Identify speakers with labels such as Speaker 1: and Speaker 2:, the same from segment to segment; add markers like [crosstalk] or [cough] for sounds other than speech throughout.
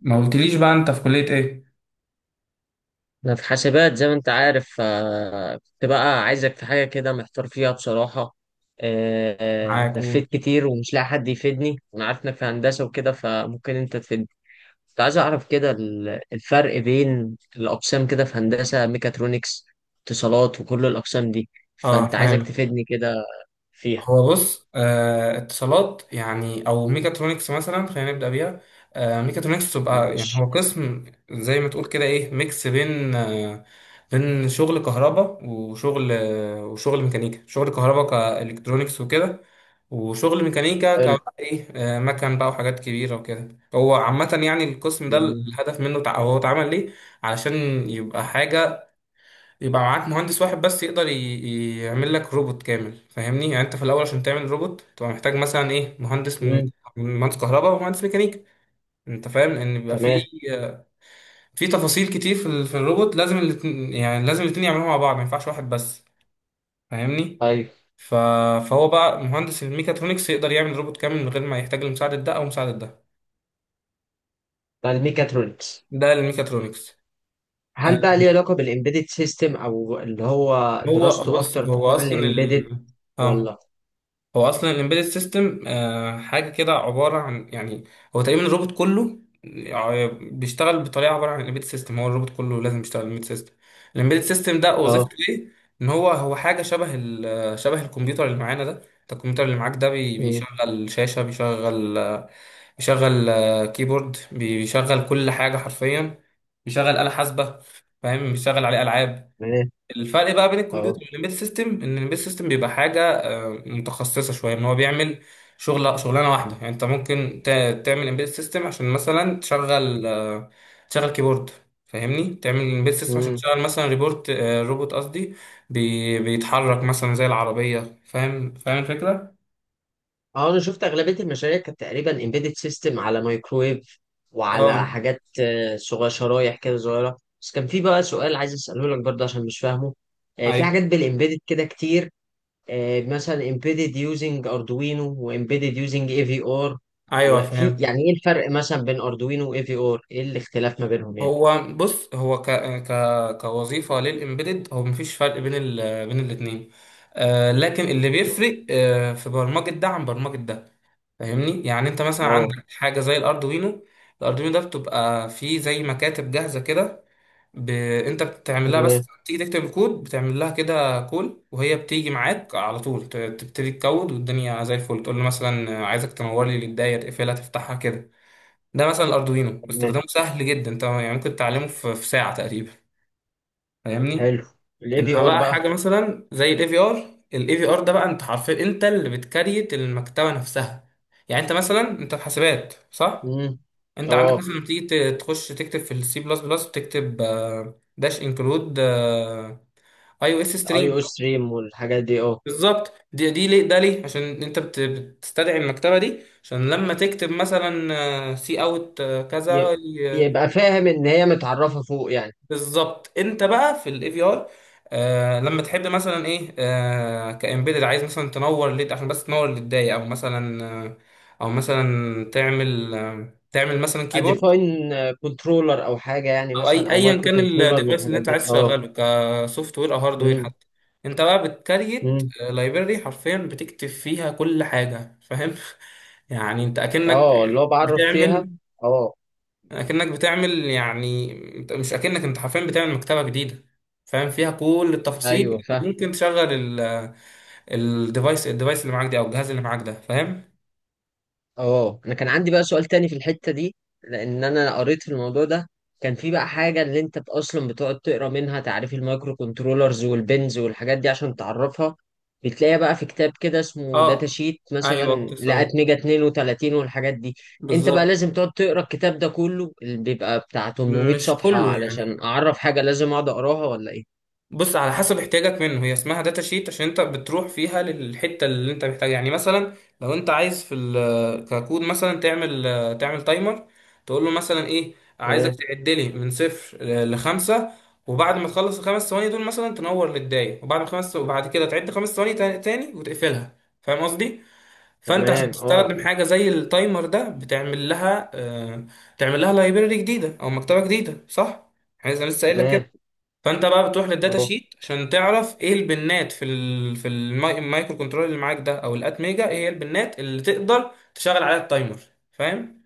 Speaker 1: ما قلتليش بقى انت في كلية ايه؟
Speaker 2: أنا في حاسبات زي ما أنت عارف. كنت بقى عايزك في حاجة كده محتار فيها بصراحة.
Speaker 1: معاك، قول.
Speaker 2: لفيت كتير ومش لاقي حد يفيدني، وأنا عارف إنك في هندسة وكده فممكن أنت تفيدني. كنت عايز أعرف كده الفرق بين الأقسام كده في هندسة ميكاترونكس، اتصالات، وكل الأقسام دي.
Speaker 1: اه،
Speaker 2: فأنت عايزك
Speaker 1: فاهم.
Speaker 2: تفيدني كده فيها.
Speaker 1: هو بص، آه، اتصالات يعني او ميكاترونكس مثلا، خلينا نبدا بيها. آه، ميكاترونكس تبقى يعني
Speaker 2: ماشي.
Speaker 1: هو قسم زي ما تقول كده ايه، ميكس بين بين شغل كهرباء وشغل وشغل ميكانيكا، شغل كهرباء كالكترونكس وكده، وشغل ميكانيكا
Speaker 2: حلو.
Speaker 1: ك ايه، مكن بقى وحاجات كبيره وكده. هو عامه يعني القسم ده
Speaker 2: جميل.
Speaker 1: الهدف منه، هو اتعمل ليه؟ علشان يبقى حاجه، يبقى معاك مهندس واحد بس يقدر يعمل لك روبوت كامل. فاهمني؟ يعني انت في الاول عشان تعمل روبوت تبقى محتاج مثلا ايه، مهندس من
Speaker 2: مم.
Speaker 1: من مهندس كهرباء ومهندس ميكانيكا. انت فاهم ان بيبقى في
Speaker 2: تمام.
Speaker 1: تفاصيل كتير في الروبوت، لازم الاتنين يعني لازم الاتنين يعملوها مع بعض، ما ينفعش واحد بس. فاهمني؟
Speaker 2: أيوه.
Speaker 1: ف... فهو بقى مهندس الميكاترونكس يقدر يعمل روبوت كامل من غير ما يحتاج لمساعدة ده او مساعدة ده.
Speaker 2: ده الميكاترونكس.
Speaker 1: ده الميكاترونكس. آه،
Speaker 2: هل بقى ليه علاقة بالإمبيدد سيستم، أو اللي هو
Speaker 1: هو
Speaker 2: دراسته
Speaker 1: بص،
Speaker 2: أكتر في حوار الإمبيدد،
Speaker 1: اه
Speaker 2: ولا؟
Speaker 1: هو اصلا الامبيدد سيستم حاجه كده، عباره عن يعني هو تقريبا الروبوت كله. آه، بيشتغل بطريقه، عباره عن الامبيدد سيستم. هو الروبوت كله لازم يشتغل الامبيدد سيستم. الامبيدد سيستم ده وظيفته
Speaker 2: أه.
Speaker 1: ايه؟ ان هو حاجه شبه شبه الكمبيوتر اللي معانا ده. انت الكمبيوتر اللي معاك ده
Speaker 2: أمم،
Speaker 1: بيشغل شاشه، بيشغل بيشغل كيبورد، بيشغل كل حاجه حرفيا، بيشغل آلة حاسبه، فاهم؟ بيشغل عليه العاب.
Speaker 2: تمام.
Speaker 1: الفرق بقى بين
Speaker 2: أه.
Speaker 1: الكمبيوتر والامبيد سيستم ان الامبيد سيستم بيبقى حاجه متخصصه شويه، ان هو بيعمل شغلانه واحده. يعني انت ممكن تعمل امبيد سيستم عشان مثلا تشغل تشغل كيبورد. فاهمني؟ تعمل امبيد سيستم عشان
Speaker 2: أمم.
Speaker 1: تشغل مثلا ريبورت، آه، روبوت قصدي، بيتحرك مثلا زي العربيه. فاهم؟ فاهم الفكره.
Speaker 2: أه، أنا شفت أغلبية المشاريع كانت تقريبا إمبيدد سيستم على مايكرويف، وعلى
Speaker 1: اه،
Speaker 2: حاجات صغيرة، شرايح كده صغيرة. بس كان في بقى سؤال عايز أسأله لك برضه عشان مش فاهمه. في
Speaker 1: ايوه،
Speaker 2: حاجات بالإمبيدد كده كتير. مثلا إمبيدد يوزنج أردوينو، وإمبيدد يوزنج إي في آر.
Speaker 1: ايوه
Speaker 2: وفي
Speaker 1: فاهم.
Speaker 2: يعني إيه الفرق مثلا بين أردوينو وإي في آر؟ إيه الاختلاف ما بينهم يعني؟
Speaker 1: هو بص، هو ك ك كوظيفه للامبيدد هو مفيش فرق بين ال بين الاثنين. آه، لكن اللي بيفرق آه في برمجه ده عن برمجه ده. فاهمني؟ يعني انت مثلا
Speaker 2: اه.
Speaker 1: عندك حاجه زي الاردوينو، الاردوينو ده بتبقى فيه زي مكاتب جاهزه كده. ب... انت بتعمل لها بس،
Speaker 2: تمام.
Speaker 1: تيجي تكتب الكود بتعمل لها كده كول، وهي بتيجي معاك على طول تبتدي تكود والدنيا زي الفل، تقول له مثلا عايزك تنور لي الدايره، تقفلها، تفتحها كده. ده مثلا الاردوينو
Speaker 2: تمام.
Speaker 1: استخدامه سهل جدا، انت يعني ممكن تتعلمه في ساعه تقريبا. فاهمني؟
Speaker 2: حلو. الاي بي
Speaker 1: انما
Speaker 2: ار
Speaker 1: بقى
Speaker 2: بقى.
Speaker 1: حاجه مثلا زي الاي في ار، الاي في ار ده بقى انت حرفيا انت اللي بتكريت المكتبه نفسها. يعني انت مثلا انت في حاسبات صح؟
Speaker 2: امم.
Speaker 1: انت عندك
Speaker 2: اه،
Speaker 1: مثلا لما تيجي تخش تكتب في السي بلس بلس، بتكتب داش انكلود اي او اس
Speaker 2: اي
Speaker 1: ستريم.
Speaker 2: او ستريم والحاجات دي، اه.
Speaker 1: بالظبط، دي ليه؟ عشان انت بتستدعي المكتبه دي عشان لما تكتب مثلا سي اوت كذا.
Speaker 2: ي- يبقى فاهم ان هي متعرفه فوق يعني.
Speaker 1: بالظبط، انت بقى في الاي في ار، آه، لما تحب مثلا ايه، آه، كامبيدد عايز مثلا تنور ليد عشان بس تنور للداية، او مثلا او مثلا تعمل تعمل مثلا كيبورد،
Speaker 2: اديفاين كنترولر او حاجه يعني،
Speaker 1: او
Speaker 2: مثلا
Speaker 1: اي
Speaker 2: او
Speaker 1: ايا
Speaker 2: مايكرو
Speaker 1: كان
Speaker 2: كنترولر من
Speaker 1: الديفايس اللي
Speaker 2: الحاجات
Speaker 1: انت
Speaker 2: دي،
Speaker 1: عايز
Speaker 2: اه.
Speaker 1: تشغله، كسوفت وير او هارد وير
Speaker 2: امم.
Speaker 1: حتى. انت بقى بتكريت
Speaker 2: امم.
Speaker 1: لايبرري حرفيا، بتكتب فيها كل حاجة. فاهم؟ [laughs] يعني انت اكنك
Speaker 2: اه اللي هو بعرف فيها.
Speaker 1: بتعمل
Speaker 2: اه.
Speaker 1: بتعمل يعني، مش اكنك، انت حرفيا بتعمل مكتبه جديده فاهم، فيها كل التفاصيل
Speaker 2: ايوه فاهم.
Speaker 1: اللي ممكن تشغل الديفايس، الديفايس اللي معاك دي او الجهاز اللي معاك ده. فاهم؟
Speaker 2: اه، انا كان عندي بقى سؤال تاني في الحتة دي، لان انا قريت في الموضوع ده. كان في بقى حاجة اللي انت اصلا بتقعد تقرا منها تعريف المايكرو كنترولرز والبنز والحاجات دي عشان تعرفها. بتلاقيها بقى في كتاب كده اسمه داتا
Speaker 1: اه،
Speaker 2: شيت،
Speaker 1: ايوه كنت
Speaker 2: مثلا
Speaker 1: لسه هقول.
Speaker 2: لقيت ميجا 32 والحاجات دي. انت بقى
Speaker 1: بالظبط.
Speaker 2: لازم تقعد تقرا الكتاب ده كله اللي بيبقى بتاع 800
Speaker 1: مش
Speaker 2: صفحة،
Speaker 1: كله
Speaker 2: علشان
Speaker 1: يعني،
Speaker 2: اعرف حاجة لازم اقعد اقراها ولا ايه؟
Speaker 1: بص على حسب احتياجك منه، هي اسمها داتا شيت عشان انت بتروح فيها للحته اللي انت محتاجها. يعني مثلا لو انت عايز في ككود مثلا تعمل تايمر، تقول له مثلا ايه، عايزك
Speaker 2: تمام.
Speaker 1: تعد لي من صفر لخمسه، وبعد ما تخلص الخمس ثواني دول مثلا تنور للدايه، وبعد خمس وبعد كده تعد خمس ثواني تاني وتقفلها. فاهم قصدي؟ فانت عشان
Speaker 2: تمام. اه.
Speaker 1: تستخدم حاجه زي التايمر ده بتعمل لها تعمل لها لايبرري جديده او مكتبه جديده صح؟ يعني انا لسه قايل لك كده.
Speaker 2: تمام.
Speaker 1: فانت بقى بتروح للداتا
Speaker 2: اهو.
Speaker 1: شيت عشان تعرف ايه البنات في ال في المايكرو كنترول اللي معاك ده، او الات ميجا، ايه هي البنات اللي تقدر تشغل عليها التايمر. فاهم؟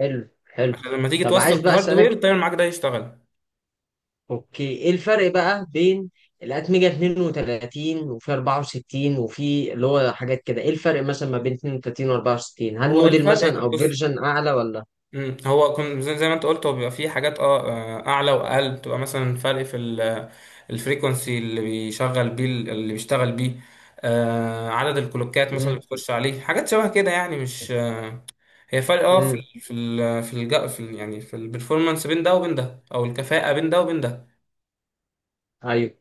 Speaker 2: حلو حلو.
Speaker 1: عشان لما تيجي
Speaker 2: طب
Speaker 1: توصل
Speaker 2: عايز بقى اسالك،
Speaker 1: الهاردوير، التايمر معاك ده يشتغل.
Speaker 2: اوكي ايه الفرق بقى بين الاتمجة 32 وفي 64 وفي اللي هو حاات كده؟ ايه الفرق مثلا ما بين 32 و 64؟ هل
Speaker 1: هو
Speaker 2: موديل
Speaker 1: الفرق
Speaker 2: مثلا
Speaker 1: إيه؟
Speaker 2: او
Speaker 1: بص،
Speaker 2: فيرجن اعلى ولا؟
Speaker 1: هو كن زي، ما انت قلت، هو بيبقى فيه حاجات اه، آه، اعلى واقل، بتبقى مثلا فرق في الفريكونسي اللي بيشغل بيه، اللي بيشتغل بيه. آه، عدد الكلوكات مثلا
Speaker 2: امم.
Speaker 1: اللي بتخش عليه، حاجات شبه كده يعني. مش آه، هي فرق اه في
Speaker 2: امم.
Speaker 1: ال في ال في, الج... في ال... يعني في البرفورمانس بين ده وبين ده، او الكفاءة بين ده وبين ده.
Speaker 2: ايوه.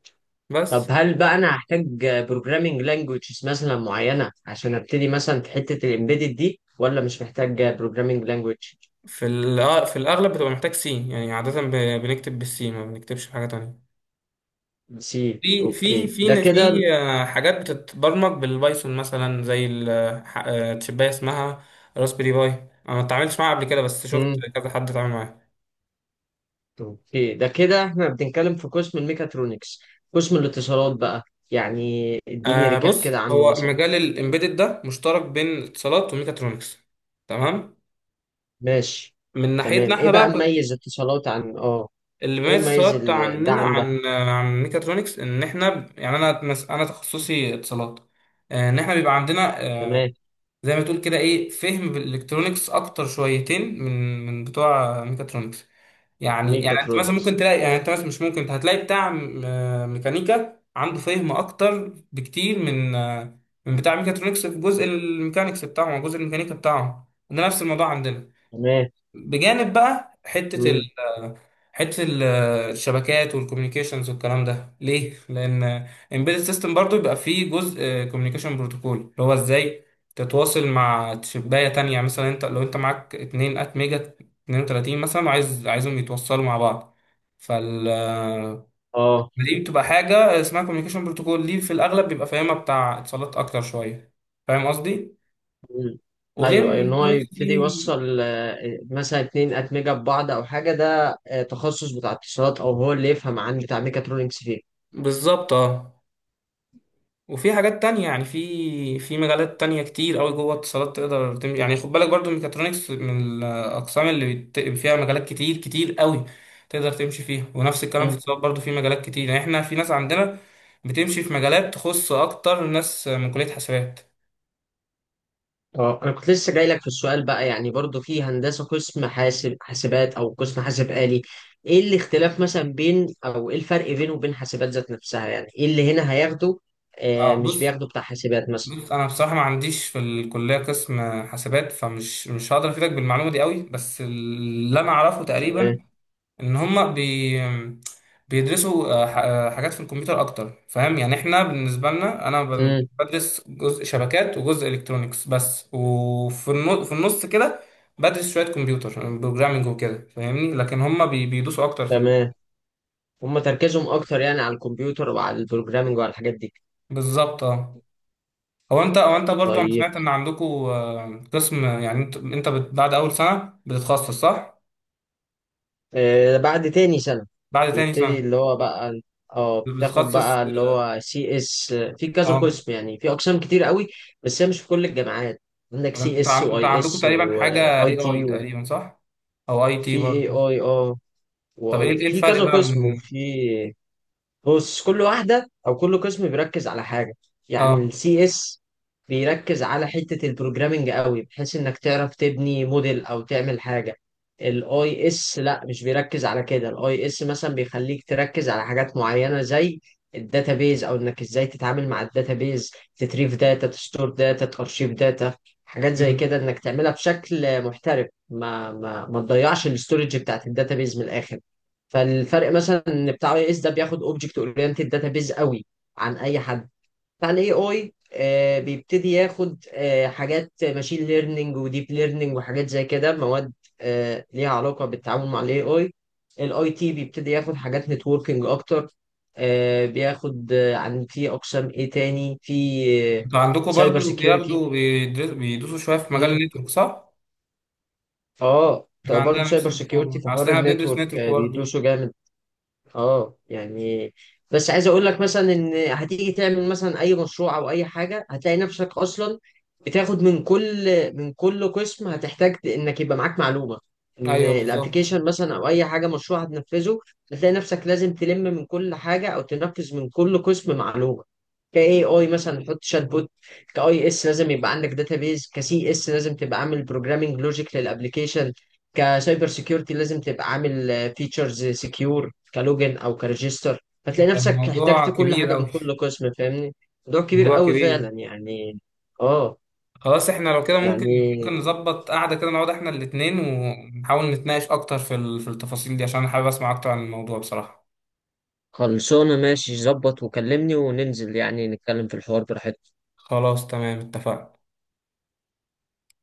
Speaker 2: طب
Speaker 1: بس.
Speaker 2: هل بقى انا هحتاج بروجرامينج لانجويجز مثلا معينة عشان ابتدي مثلا في حتة الامبيدد دي، ولا مش محتاج بروجرامينج لانجويج؟
Speaker 1: في ال... آه، في الاغلب بتبقى محتاج سي، يعني عادة بنكتب بالسي، ما بنكتبش بحاجة تانية.
Speaker 2: سي،
Speaker 1: في
Speaker 2: اوكي ده كده.
Speaker 1: حاجات بتتبرمج بالبايثون مثلا، زي التشباية اسمها راسبيري باي، انا ما اتعاملتش معاها قبل كده بس شفت كذا حد اتعامل معاها.
Speaker 2: اوكي، ده كده احنا بنتكلم في قسم الميكاترونكس. قسم الاتصالات بقى، يعني اديني
Speaker 1: آه
Speaker 2: ريكاب
Speaker 1: بص،
Speaker 2: كده عنه
Speaker 1: هو
Speaker 2: مثلا.
Speaker 1: مجال الامبيدد ده مشترك بين اتصالات وميكاترونكس. تمام.
Speaker 2: ماشي.
Speaker 1: من ناحيتنا
Speaker 2: تمام، ايه
Speaker 1: احنا
Speaker 2: بقى
Speaker 1: بقى،
Speaker 2: مميز اتصالات عن، اه.
Speaker 1: اللي
Speaker 2: ايه
Speaker 1: بيميز
Speaker 2: مميز
Speaker 1: السواق بتاع
Speaker 2: ده
Speaker 1: عننا
Speaker 2: عن ده؟
Speaker 1: عن ميكاترونكس، ان احنا يعني انا انا تخصصي اتصالات، آه، ان احنا بيبقى عندنا
Speaker 2: تمام.
Speaker 1: زي ما تقول كده ايه، فهم بالالكترونكس اكتر شويتين من بتوع ميكاترونكس. يعني انت مثلا ممكن
Speaker 2: ميكاترونكس.
Speaker 1: تلاقي، يعني انت مثلا مش ممكن، انت هتلاقي بتاع ميكانيكا عنده فهم اكتر بكتير من آه، من بتاع ميكاترونكس في جزء الميكانيكس بتاعهم أو جزء الميكانيكا بتاعهم. ده نفس الموضوع عندنا،
Speaker 2: تمام.
Speaker 1: بجانب بقى حتة
Speaker 2: مم.
Speaker 1: حتة ال- الشبكات والكوميونيكيشنز والكلام ده. ليه؟ لأن embedded system برضو يبقى فيه جزء كوميونيكيشن بروتوكول، اللي هو ازاي تتواصل مع شباية تانية. مثلا انت لو انت معاك 2 ات ميجا 32 مثلا، عايزهم يتوصلوا مع بعض، فال
Speaker 2: اه.
Speaker 1: دي بتبقى حاجة اسمها كوميونيكيشن بروتوكول، دي في الأغلب بيبقى فاهمها بتاع اتصالات أكتر شوية. فاهم قصدي؟
Speaker 2: مم.
Speaker 1: وغير
Speaker 2: ايوه، ان هو
Speaker 1: الإلكترونيكس
Speaker 2: يبتدي
Speaker 1: دي.
Speaker 2: يوصل مثلا اتنين اتمجه ببعض او حاجه، ده تخصص بتاع اتصالات، او هو اللي يفهم عن بتاع ميكاترونكس فيه.
Speaker 1: بالظبط اه. وفي حاجات تانية، يعني في مجالات تانية كتير أوي جوه اتصالات تقدر يعني خد بالك برضو الميكاترونكس من الأقسام اللي فيها مجالات كتير كتير أوي تقدر تمشي فيها، ونفس الكلام في اتصالات برضو في مجالات كتير، يعني احنا في ناس عندنا بتمشي في مجالات تخص أكتر ناس من كلية حسابات.
Speaker 2: اه، انا كنت لسه جاي لك في السؤال بقى، يعني برضو في هندسه قسم حاسب، حاسبات او قسم حاسب آلي. ايه الاختلاف مثلا بين، او ايه الفرق بينه وبين حاسبات ذات نفسها، يعني ايه اللي هنا هياخده؟
Speaker 1: اه
Speaker 2: مش
Speaker 1: بص،
Speaker 2: بياخده بتاع حاسبات مثلا.
Speaker 1: بص أنا بصراحة ما عنديش في الكلية قسم حسابات، فمش مش هقدر أفيدك بالمعلومة دي أوي، بس اللي أنا أعرفه تقريبا
Speaker 2: تمام.
Speaker 1: ان هم بيدرسوا حاجات في الكمبيوتر اكتر. فاهم؟ يعني احنا بالنسبه لنا، انا
Speaker 2: امم.
Speaker 1: بدرس جزء شبكات وجزء الكترونيكس بس، وفي في النص كده بدرس شويه كمبيوتر بروجرامنج وكده. فاهمني؟ لكن هم بيدوسوا اكتر في ال...
Speaker 2: تمام. هم تركيزهم اكتر يعني على الكمبيوتر وعلى البروجرامنج وعلى الحاجات دي.
Speaker 1: بالظبط اه. هو انت، او انت برضو انا
Speaker 2: طيب،
Speaker 1: سمعت ان عندكم قسم يعني بعد اول سنه بتتخصص صح؟
Speaker 2: بعد تاني سنة
Speaker 1: بعد تاني
Speaker 2: بيبتدي
Speaker 1: سنه
Speaker 2: اللي هو بقى. اه، بتاخد
Speaker 1: بتتخصص
Speaker 2: بقى اللي
Speaker 1: اه.
Speaker 2: هو سي اس في كذا
Speaker 1: آه.
Speaker 2: قسم، يعني في اقسام كتير قوي. بس هي مش في كل الجامعات. عندك سي
Speaker 1: انت
Speaker 2: اس،
Speaker 1: انت
Speaker 2: واي
Speaker 1: عندكم
Speaker 2: اس،
Speaker 1: تقريبا حاجه
Speaker 2: واي
Speaker 1: اي اي
Speaker 2: تي،
Speaker 1: تقريبا صح؟ او اي تي
Speaker 2: وفي
Speaker 1: برضه.
Speaker 2: اي اي، اه.
Speaker 1: طب ايه،
Speaker 2: واي تي في
Speaker 1: الفرق
Speaker 2: كذا
Speaker 1: بقى من
Speaker 2: قسم، وفي. بص، كل واحدة أو كل قسم بيركز على حاجة. يعني
Speaker 1: اه،
Speaker 2: السي اس بيركز على حتة البروجرامينج قوي، بحيث إنك تعرف تبني موديل أو تعمل حاجة. الاي اس لا مش بيركز على كده. الاي اس مثلا بيخليك تركز على حاجات معينة، زي الداتابيز، أو إنك إزاي تتعامل مع الداتابيز. تتريف داتا، تستور داتا، تأرشيف داتا. حاجات زي
Speaker 1: مم.
Speaker 2: كده إنك تعملها بشكل محترف، ما تضيعش الاستورج بتاعت الداتابيز من الآخر. فالفرق مثلا ان بتاع اي اس ده بياخد اوبجكت اورينتد داتابيز قوي عن اي حد. بتاع الاي اي بيبتدي ياخد حاجات ماشين ليرنينج وديب ليرنينج وحاجات زي كده، مواد ليها علاقه بالتعامل مع الاي اي. الاي تي بيبتدي ياخد حاجات نتوركينج اكتر. بياخد، عن في اقسام ايه تاني في.
Speaker 1: انتوا عندكم
Speaker 2: سايبر
Speaker 1: برضه
Speaker 2: سيكيورتي.
Speaker 1: بياخدوا بيدوسوا شويه في مجال
Speaker 2: امم.
Speaker 1: النتورك صح؟
Speaker 2: اه،
Speaker 1: احنا
Speaker 2: برضه
Speaker 1: عندنا نفس
Speaker 2: سايبر سيكيورتي
Speaker 1: الحوار،
Speaker 2: في
Speaker 1: اصل
Speaker 2: حوار
Speaker 1: احنا بندرس
Speaker 2: النتورك
Speaker 1: نتورك برضه.
Speaker 2: بيدوسوا جامد. اه يعني، بس عايز اقول لك مثلا ان هتيجي تعمل مثلا اي مشروع او اي حاجه هتلاقي نفسك اصلا بتاخد من كل قسم هتحتاج انك يبقى معاك معلومه. ان
Speaker 1: ايوه بالظبط.
Speaker 2: الابلكيشن مثلا او اي حاجه مشروع هتنفذه. هتلاقي نفسك لازم تلم من كل حاجه، او تنفذ من كل قسم معلومه. كاي اي مثلا حط شات بوت. كاي اس لازم يبقى عندك داتابيز. كسي اس لازم تبقى عامل بروجرامنج لوجيك للابلكيشن. كسايبر سيكيورتي لازم تبقى عامل فيتشرز سكيور كلوجن او كريجستر. فتلاقي
Speaker 1: ده
Speaker 2: نفسك احتجت
Speaker 1: الموضوع
Speaker 2: كل حاجه
Speaker 1: كبير
Speaker 2: من
Speaker 1: اوي.
Speaker 2: كل قسم، فاهمني. موضوع كبير
Speaker 1: الموضوع
Speaker 2: قوي
Speaker 1: كبير.
Speaker 2: فعلا يعني، اه.
Speaker 1: خلاص احنا لو كده ممكن،
Speaker 2: يعني
Speaker 1: ممكن نظبط قعده كده، نقعد احنا الاتنين ونحاول نتناقش اكتر في في التفاصيل دي، عشان انا حابب اسمع اكتر عن الموضوع بصراحه.
Speaker 2: خلصانه، ماشي ظبط وكلمني وننزل يعني نتكلم في الحوار براحتنا.
Speaker 1: خلاص تمام اتفقنا.